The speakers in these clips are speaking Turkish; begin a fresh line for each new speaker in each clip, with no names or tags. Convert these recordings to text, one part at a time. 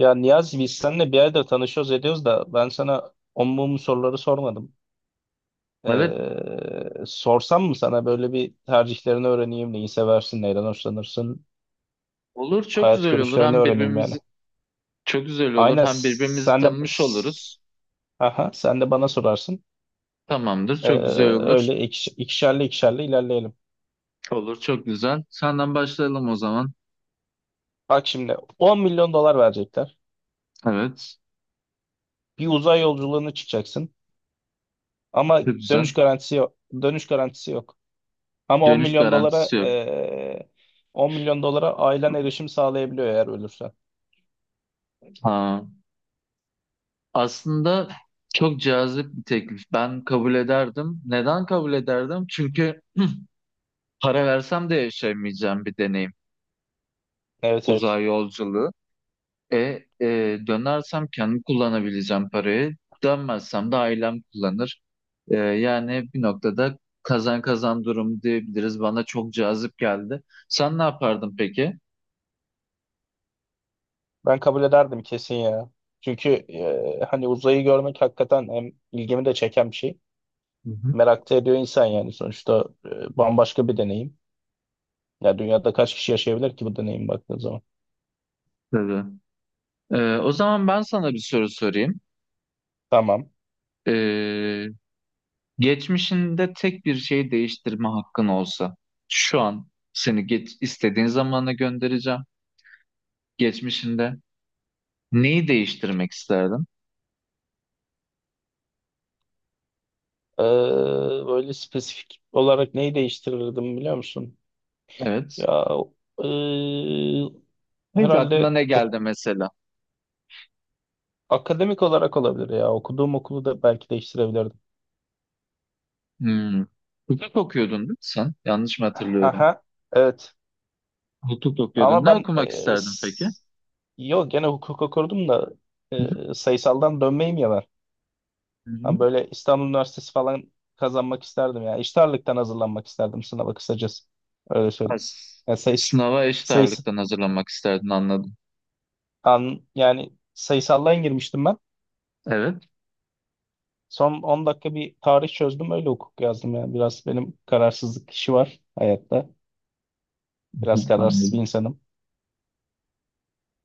Ya Niyazi biz seninle bir aydır tanışıyoruz ediyoruz da ben sana on mum soruları sormadım.
Evet
Sorsam mı sana böyle bir tercihlerini öğreneyim, neyi seversin, neyden hoşlanırsın,
olur çok
hayat
güzel olur.
görüşlerini
Hem
öğreneyim
birbirimizi
yani.
çok güzel olur.
Aynen
Hem birbirimizi tanımış oluruz.
sen de bana sorarsın.
Tamamdır
Ee,
çok güzel olur.
Öyle ikişerli ikişerli ilerleyelim.
Olur çok güzel. Senden başlayalım o zaman.
Bak şimdi 10 milyon dolar verecekler.
Evet
Bir uzay yolculuğuna çıkacaksın ama
çok güzel.
dönüş garantisi yok. Dönüş garantisi yok. Ama 10
Dönüş
milyon dolara
garantisi yok.
eee 10 milyon dolara ailen erişim sağlayabiliyor eğer ölürsen.
Ha, aslında çok cazip bir teklif. Ben kabul ederdim. Neden kabul ederdim? Çünkü para versem de yaşayamayacağım bir deneyim.
Evet, evet.
Uzay yolculuğu. E, dönersem kendim kullanabileceğim parayı. Dönmezsem de ailem kullanır. Yani bir noktada kazan kazan durum diyebiliriz. Bana çok cazip geldi. Sen ne yapardın peki?
Ben kabul ederdim kesin ya. Çünkü hani uzayı görmek hakikaten hem ilgimi de çeken bir şey.
Hı hı.
Merak da ediyor insan yani sonuçta bambaşka bir deneyim. Ya dünyada kaç kişi yaşayabilir ki bu deneyim baktığın zaman?
Tabii. O zaman ben sana bir soru sorayım.
Tamam.
E, Geçmişinde tek bir şey değiştirme hakkın olsa, şu an seni geç, istediğin zamana göndereceğim. Geçmişinde neyi değiştirmek isterdin?
Eee, Böyle spesifik olarak neyi değiştirirdim biliyor musun?
Evet.
Ya eee,
Hiç aklına
herhalde
ne
o
geldi mesela?
akademik olarak olabilir ya. Okuduğum okulu da belki değiştirebilirdim.
Hmm. Hukuk okuyordun değil mi sen? Yanlış mı hatırlıyorum?
Aha, evet.
Hukuk okuyordun.
Ama
Ne
ben
okumak isterdin peki?
yok gene hukuk okurdum da
Hı hı.
sayısaldan dönmeyeyim ya ben.
Hı hı.
Ben böyle İstanbul Üniversitesi falan kazanmak isterdim ya. İşte ağırlıktan hazırlanmak isterdim sınava kısacası. Öyle
Ha,
söyleyeyim.
s-
Yani sayıs
Sınava eşit
sayısı
ağırlıktan hazırlanmak isterdin, anladım.
an yani sayısaldan girmiştim ben.
Evet.
Son 10 dakika bir tarih çözdüm öyle hukuk yazdım ya. Biraz benim kararsızlık işi var hayatta.
Hı hı,
Biraz kararsız bir
anladım.
insanım.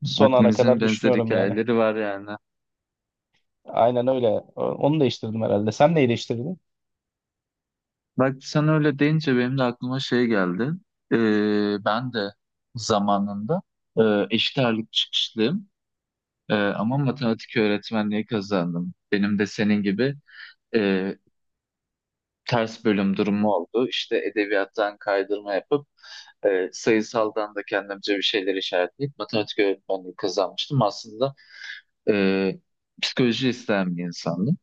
Son ana
Hepimizin
kadar
benzer
düşünüyorum yani.
hikayeleri var yani.
Aynen öyle. Onu değiştirdim herhalde. Sen neyi değiştirdin?
Bak sen öyle deyince benim de aklıma şey geldi. Ben de zamanında eşit ağırlık çıkışlıyım. Ama matematik öğretmenliği kazandım. Benim de senin gibi e, ters bölüm durumu oldu. İşte edebiyattan kaydırma yapıp sayısaldan da kendimce bir şeyler işaretleyip matematik öğretmenliği kazanmıştım. Aslında e, psikoloji isteyen bir insandım.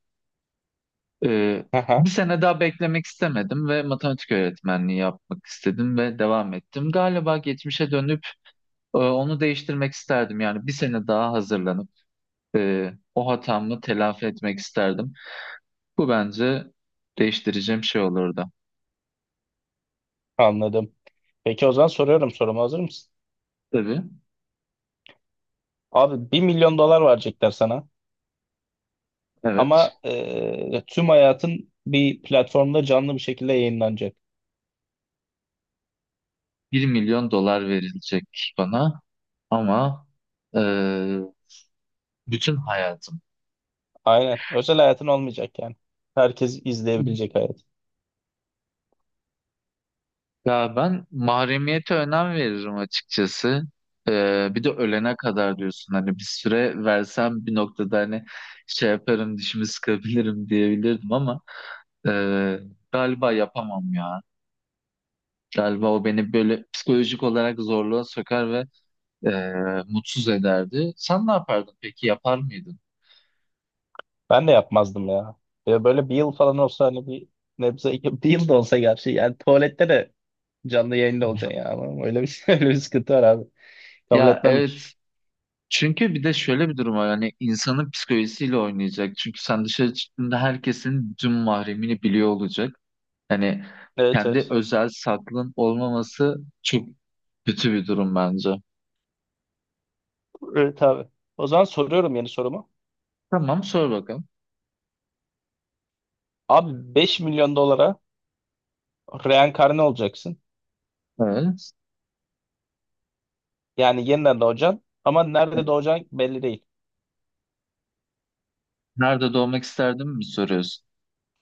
E, Bir
Aha,
sene daha beklemek istemedim ve matematik öğretmenliği yapmak istedim ve devam ettim. Galiba geçmişe dönüp onu değiştirmek isterdim. Yani bir sene daha hazırlanıp o hatamı telafi etmek isterdim. Bu bence değiştireceğim şey olurdu.
anladım. Peki o zaman soruyorum sorumu. Hazır mısın?
Tabii.
Abi 1 milyon dolar verecekler sana.
Evet.
Ama tüm hayatın bir platformda canlı bir şekilde yayınlanacak.
Bir milyon dolar verilecek bana ama e, bütün hayatım.
Aynen. Özel hayatın olmayacak yani. Herkes izleyebilecek hayat.
Ya ben mahremiyete önem veririm açıkçası. Bir de ölene kadar diyorsun, hani bir süre versem bir noktada hani şey yaparım, dişimi sıkabilirim diyebilirdim ama e, galiba yapamam ya. Galiba o beni böyle psikolojik olarak zorluğa sokar ve mutsuz ederdi. Sen ne yapardın peki? Yapar mıydın?
Ben de yapmazdım ya. Ya böyle bir yıl falan olsa hani bir nebze bir yıl da olsa gerçi yani tuvalette de canlı yayında olacaksın ya. Ama öyle bir sıkıntı var abi. Kabul
Ya,
etmem hiç.
evet. Çünkü bir de şöyle bir durum var, yani insanın psikolojisiyle oynayacak. Çünkü sen dışarı çıktığında herkesin bütün mahremini biliyor olacak. Yani
Evet,
kendi
evet.
özel saklın olmaması çok kötü bir durum bence.
Evet abi. O zaman soruyorum yeni sorumu.
Tamam, sor bakalım.
Abi 5 milyon dolara reenkarne olacaksın.
Evet.
Yani yeniden doğacaksın ama
Evet.
nerede doğacaksın belli değil.
Nerede doğmak isterdim mi soruyorsun?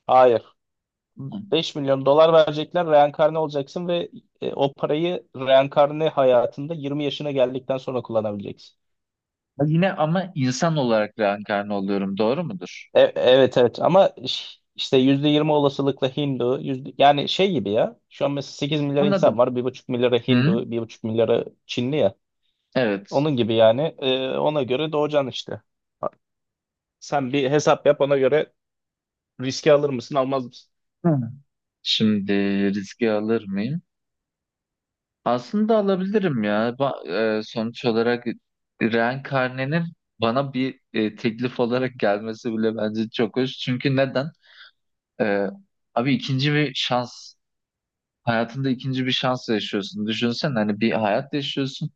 Hayır.
Hı.
5 milyon dolar verecekler, reenkarne olacaksın ve o parayı reenkarne hayatında 20 yaşına geldikten sonra kullanabileceksin.
Ha, yine ama insan olarak reenkarne oluyorum, doğru mudur?
Evet, evet ama işte %20 olasılıkla Hindu, yüzde, yani şey gibi ya. Şu an mesela 8 milyar insan
Anladım.
var. 1,5 milyarı
Hı?
Hindu, 1,5 milyarı Çinli ya.
Evet.
Onun gibi yani ona göre doğacaksın işte. Sen bir hesap yap, ona göre riski alır mısın, almaz mısın?
Hı. Şimdi riski alır mıyım? Aslında alabilirim ya. Sonuç olarak reenkarnenin bana bir teklif olarak gelmesi bile bence çok hoş. Çünkü neden? E, Abi, ikinci bir şans. Hayatında ikinci bir şans yaşıyorsun. Düşünsen hani bir hayat yaşıyorsun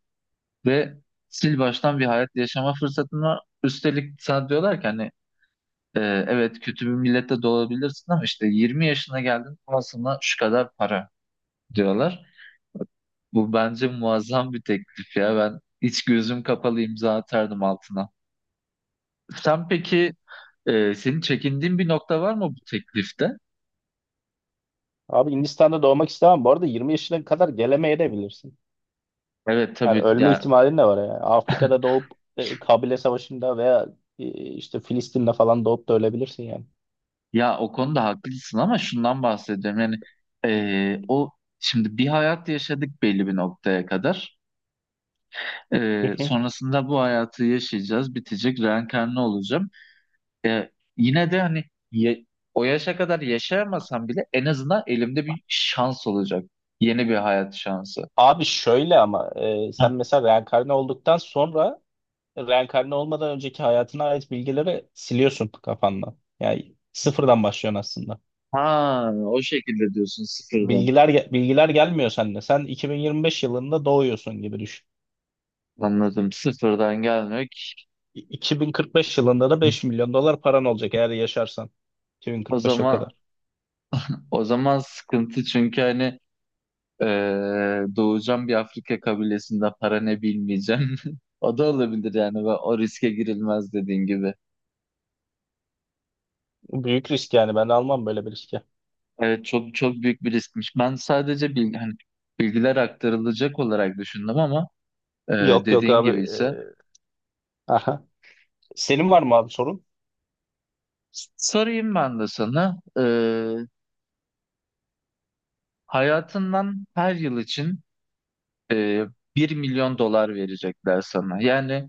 ve sil baştan bir hayat yaşama fırsatın var. Üstelik sana diyorlar ki hani e, evet kötü bir millette doğabilirsin ama işte 20 yaşına geldin ama sana şu kadar para diyorlar. Bu bence muazzam bir teklif ya. Ben hiç gözüm kapalı imza atardım altına. Sen peki senin çekindiğin bir nokta var mı bu teklifte?
Abi Hindistan'da doğmak istemem. Bu arada 20 yaşına kadar gelemeyebilirsin.
Evet
Yani
tabii
ölme
ya.
ihtimalin de var yani. Afrika'da doğup Kabile Savaşı'nda veya e, işte Filistin'de falan doğup da ölebilirsin yani.
Ya o konuda haklısın ama şundan bahsediyorum. Yani o şimdi bir hayat yaşadık belli bir noktaya kadar.
Hı hı.
Sonrasında bu hayatı yaşayacağız, bitecek, reenkarnı olacağım. E, Yine de hani ye- o yaşa kadar yaşayamasam bile en azından elimde bir şans olacak. Yeni bir hayat şansı.
Abi şöyle ama sen mesela reenkarne olduktan sonra reenkarne olmadan önceki hayatına ait bilgileri siliyorsun kafandan. Yani sıfırdan başlıyorsun aslında.
Ha, o şekilde diyorsun, sıfırdan.
Bilgiler gelmiyor sende. Sen 2025 yılında doğuyorsun gibi düşün.
Anladım. Sıfırdan gelmek.
2045 yılında da 5 milyon dolar paran olacak eğer yaşarsan
O
2045'e
zaman
kadar.
o zaman sıkıntı, çünkü hani doğacağım bir Afrika kabilesinde para ne bilmeyeceğim. O da olabilir yani, ve o riske girilmez dediğin gibi.
Büyük risk yani ben almam böyle bir riski.
Evet, çok çok büyük bir riskmiş. Ben sadece hani bilgiler aktarılacak olarak düşündüm ama
Yok yok
dediğin
abi.
gibi ise
Aha. Senin var mı abi sorun?
sorayım ben de sana. Hayatından her yıl için e, 1 milyon dolar verecekler sana. Yani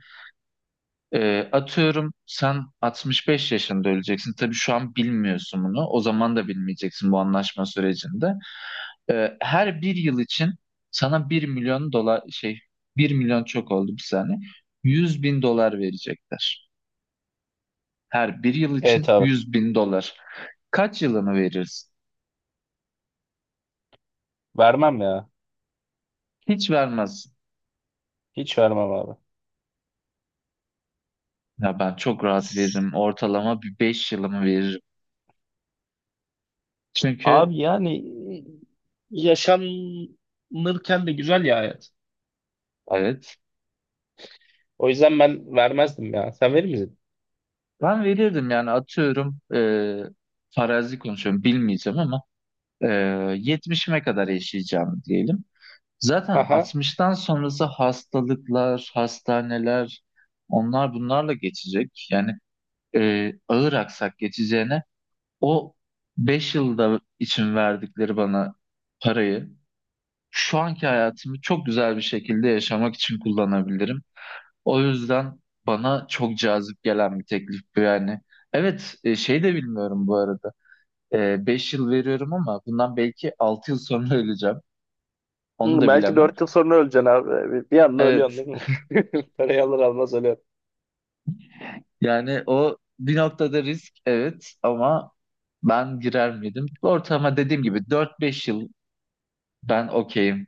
atıyorum sen 65 yaşında öleceksin. Tabii şu an bilmiyorsun bunu. O zaman da bilmeyeceksin bu anlaşma sürecinde. Her bir yıl için sana bir milyon dolar şey, bir milyon çok oldu, bir saniye. 100 bin dolar verecekler. Her bir yıl için
Evet abi.
100 bin dolar. Kaç yılını verirsin?
Vermem ya.
Hiç vermezsin.
Hiç vermem abi.
Ya ben çok rahat
S-
veririm. Ortalama bir 5 yılımı veririm. Çünkü
Abi yani yaşanırken de güzel ya hayat.
evet,
O yüzden ben vermezdim ya. Sen verir misin?
ben verirdim. Yani atıyorum, farazi konuşuyorum, bilmeyeceğim ama e, 70'ime kadar yaşayacağım diyelim. Zaten
Aha.
60'tan sonrası hastalıklar, hastaneler, onlar bunlarla geçecek. Yani ağır aksak geçeceğine o 5 yılda için verdikleri bana parayı şu anki hayatımı çok güzel bir şekilde yaşamak için kullanabilirim. O yüzden bana çok cazip gelen bir teklif bu yani. Evet, şey de bilmiyorum bu arada. 5 yıl veriyorum ama bundan belki 6 yıl sonra öleceğim. Onu
Hı,
da
belki
bilemem.
4 yıl sonra öleceksin abi. Bir, bir anda ölüyorsun
Evet,
değil mi? Parayı alır almaz ölüyorsun.
yani o bir noktada risk, evet, ama ben girer miydim? Bu ortama dediğim gibi 4 5 yıl ben okeyim.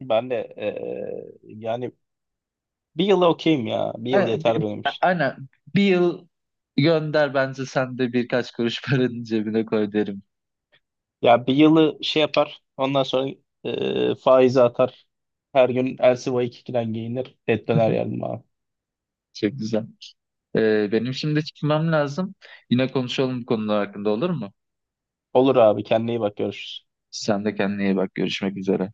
Ben de yani bir yıla okeyim ya. Bir yıl
Yani,
yeter
bi-
benim için.
aynen, bir yıl gönder, bence sen de birkaç kuruş paranın cebine koy derim.
Ya bir yılı şey yapar. Ondan sonra faizi atar. Her gün Elsi 2'den giyinir. Et döner yerim abi.
Çok güzel. Benim şimdi çıkmam lazım. Yine konuşalım bu konular hakkında, olur mu?
Olur abi, kendine iyi bak, görüşürüz.
Sen de kendine iyi bak. Görüşmek üzere.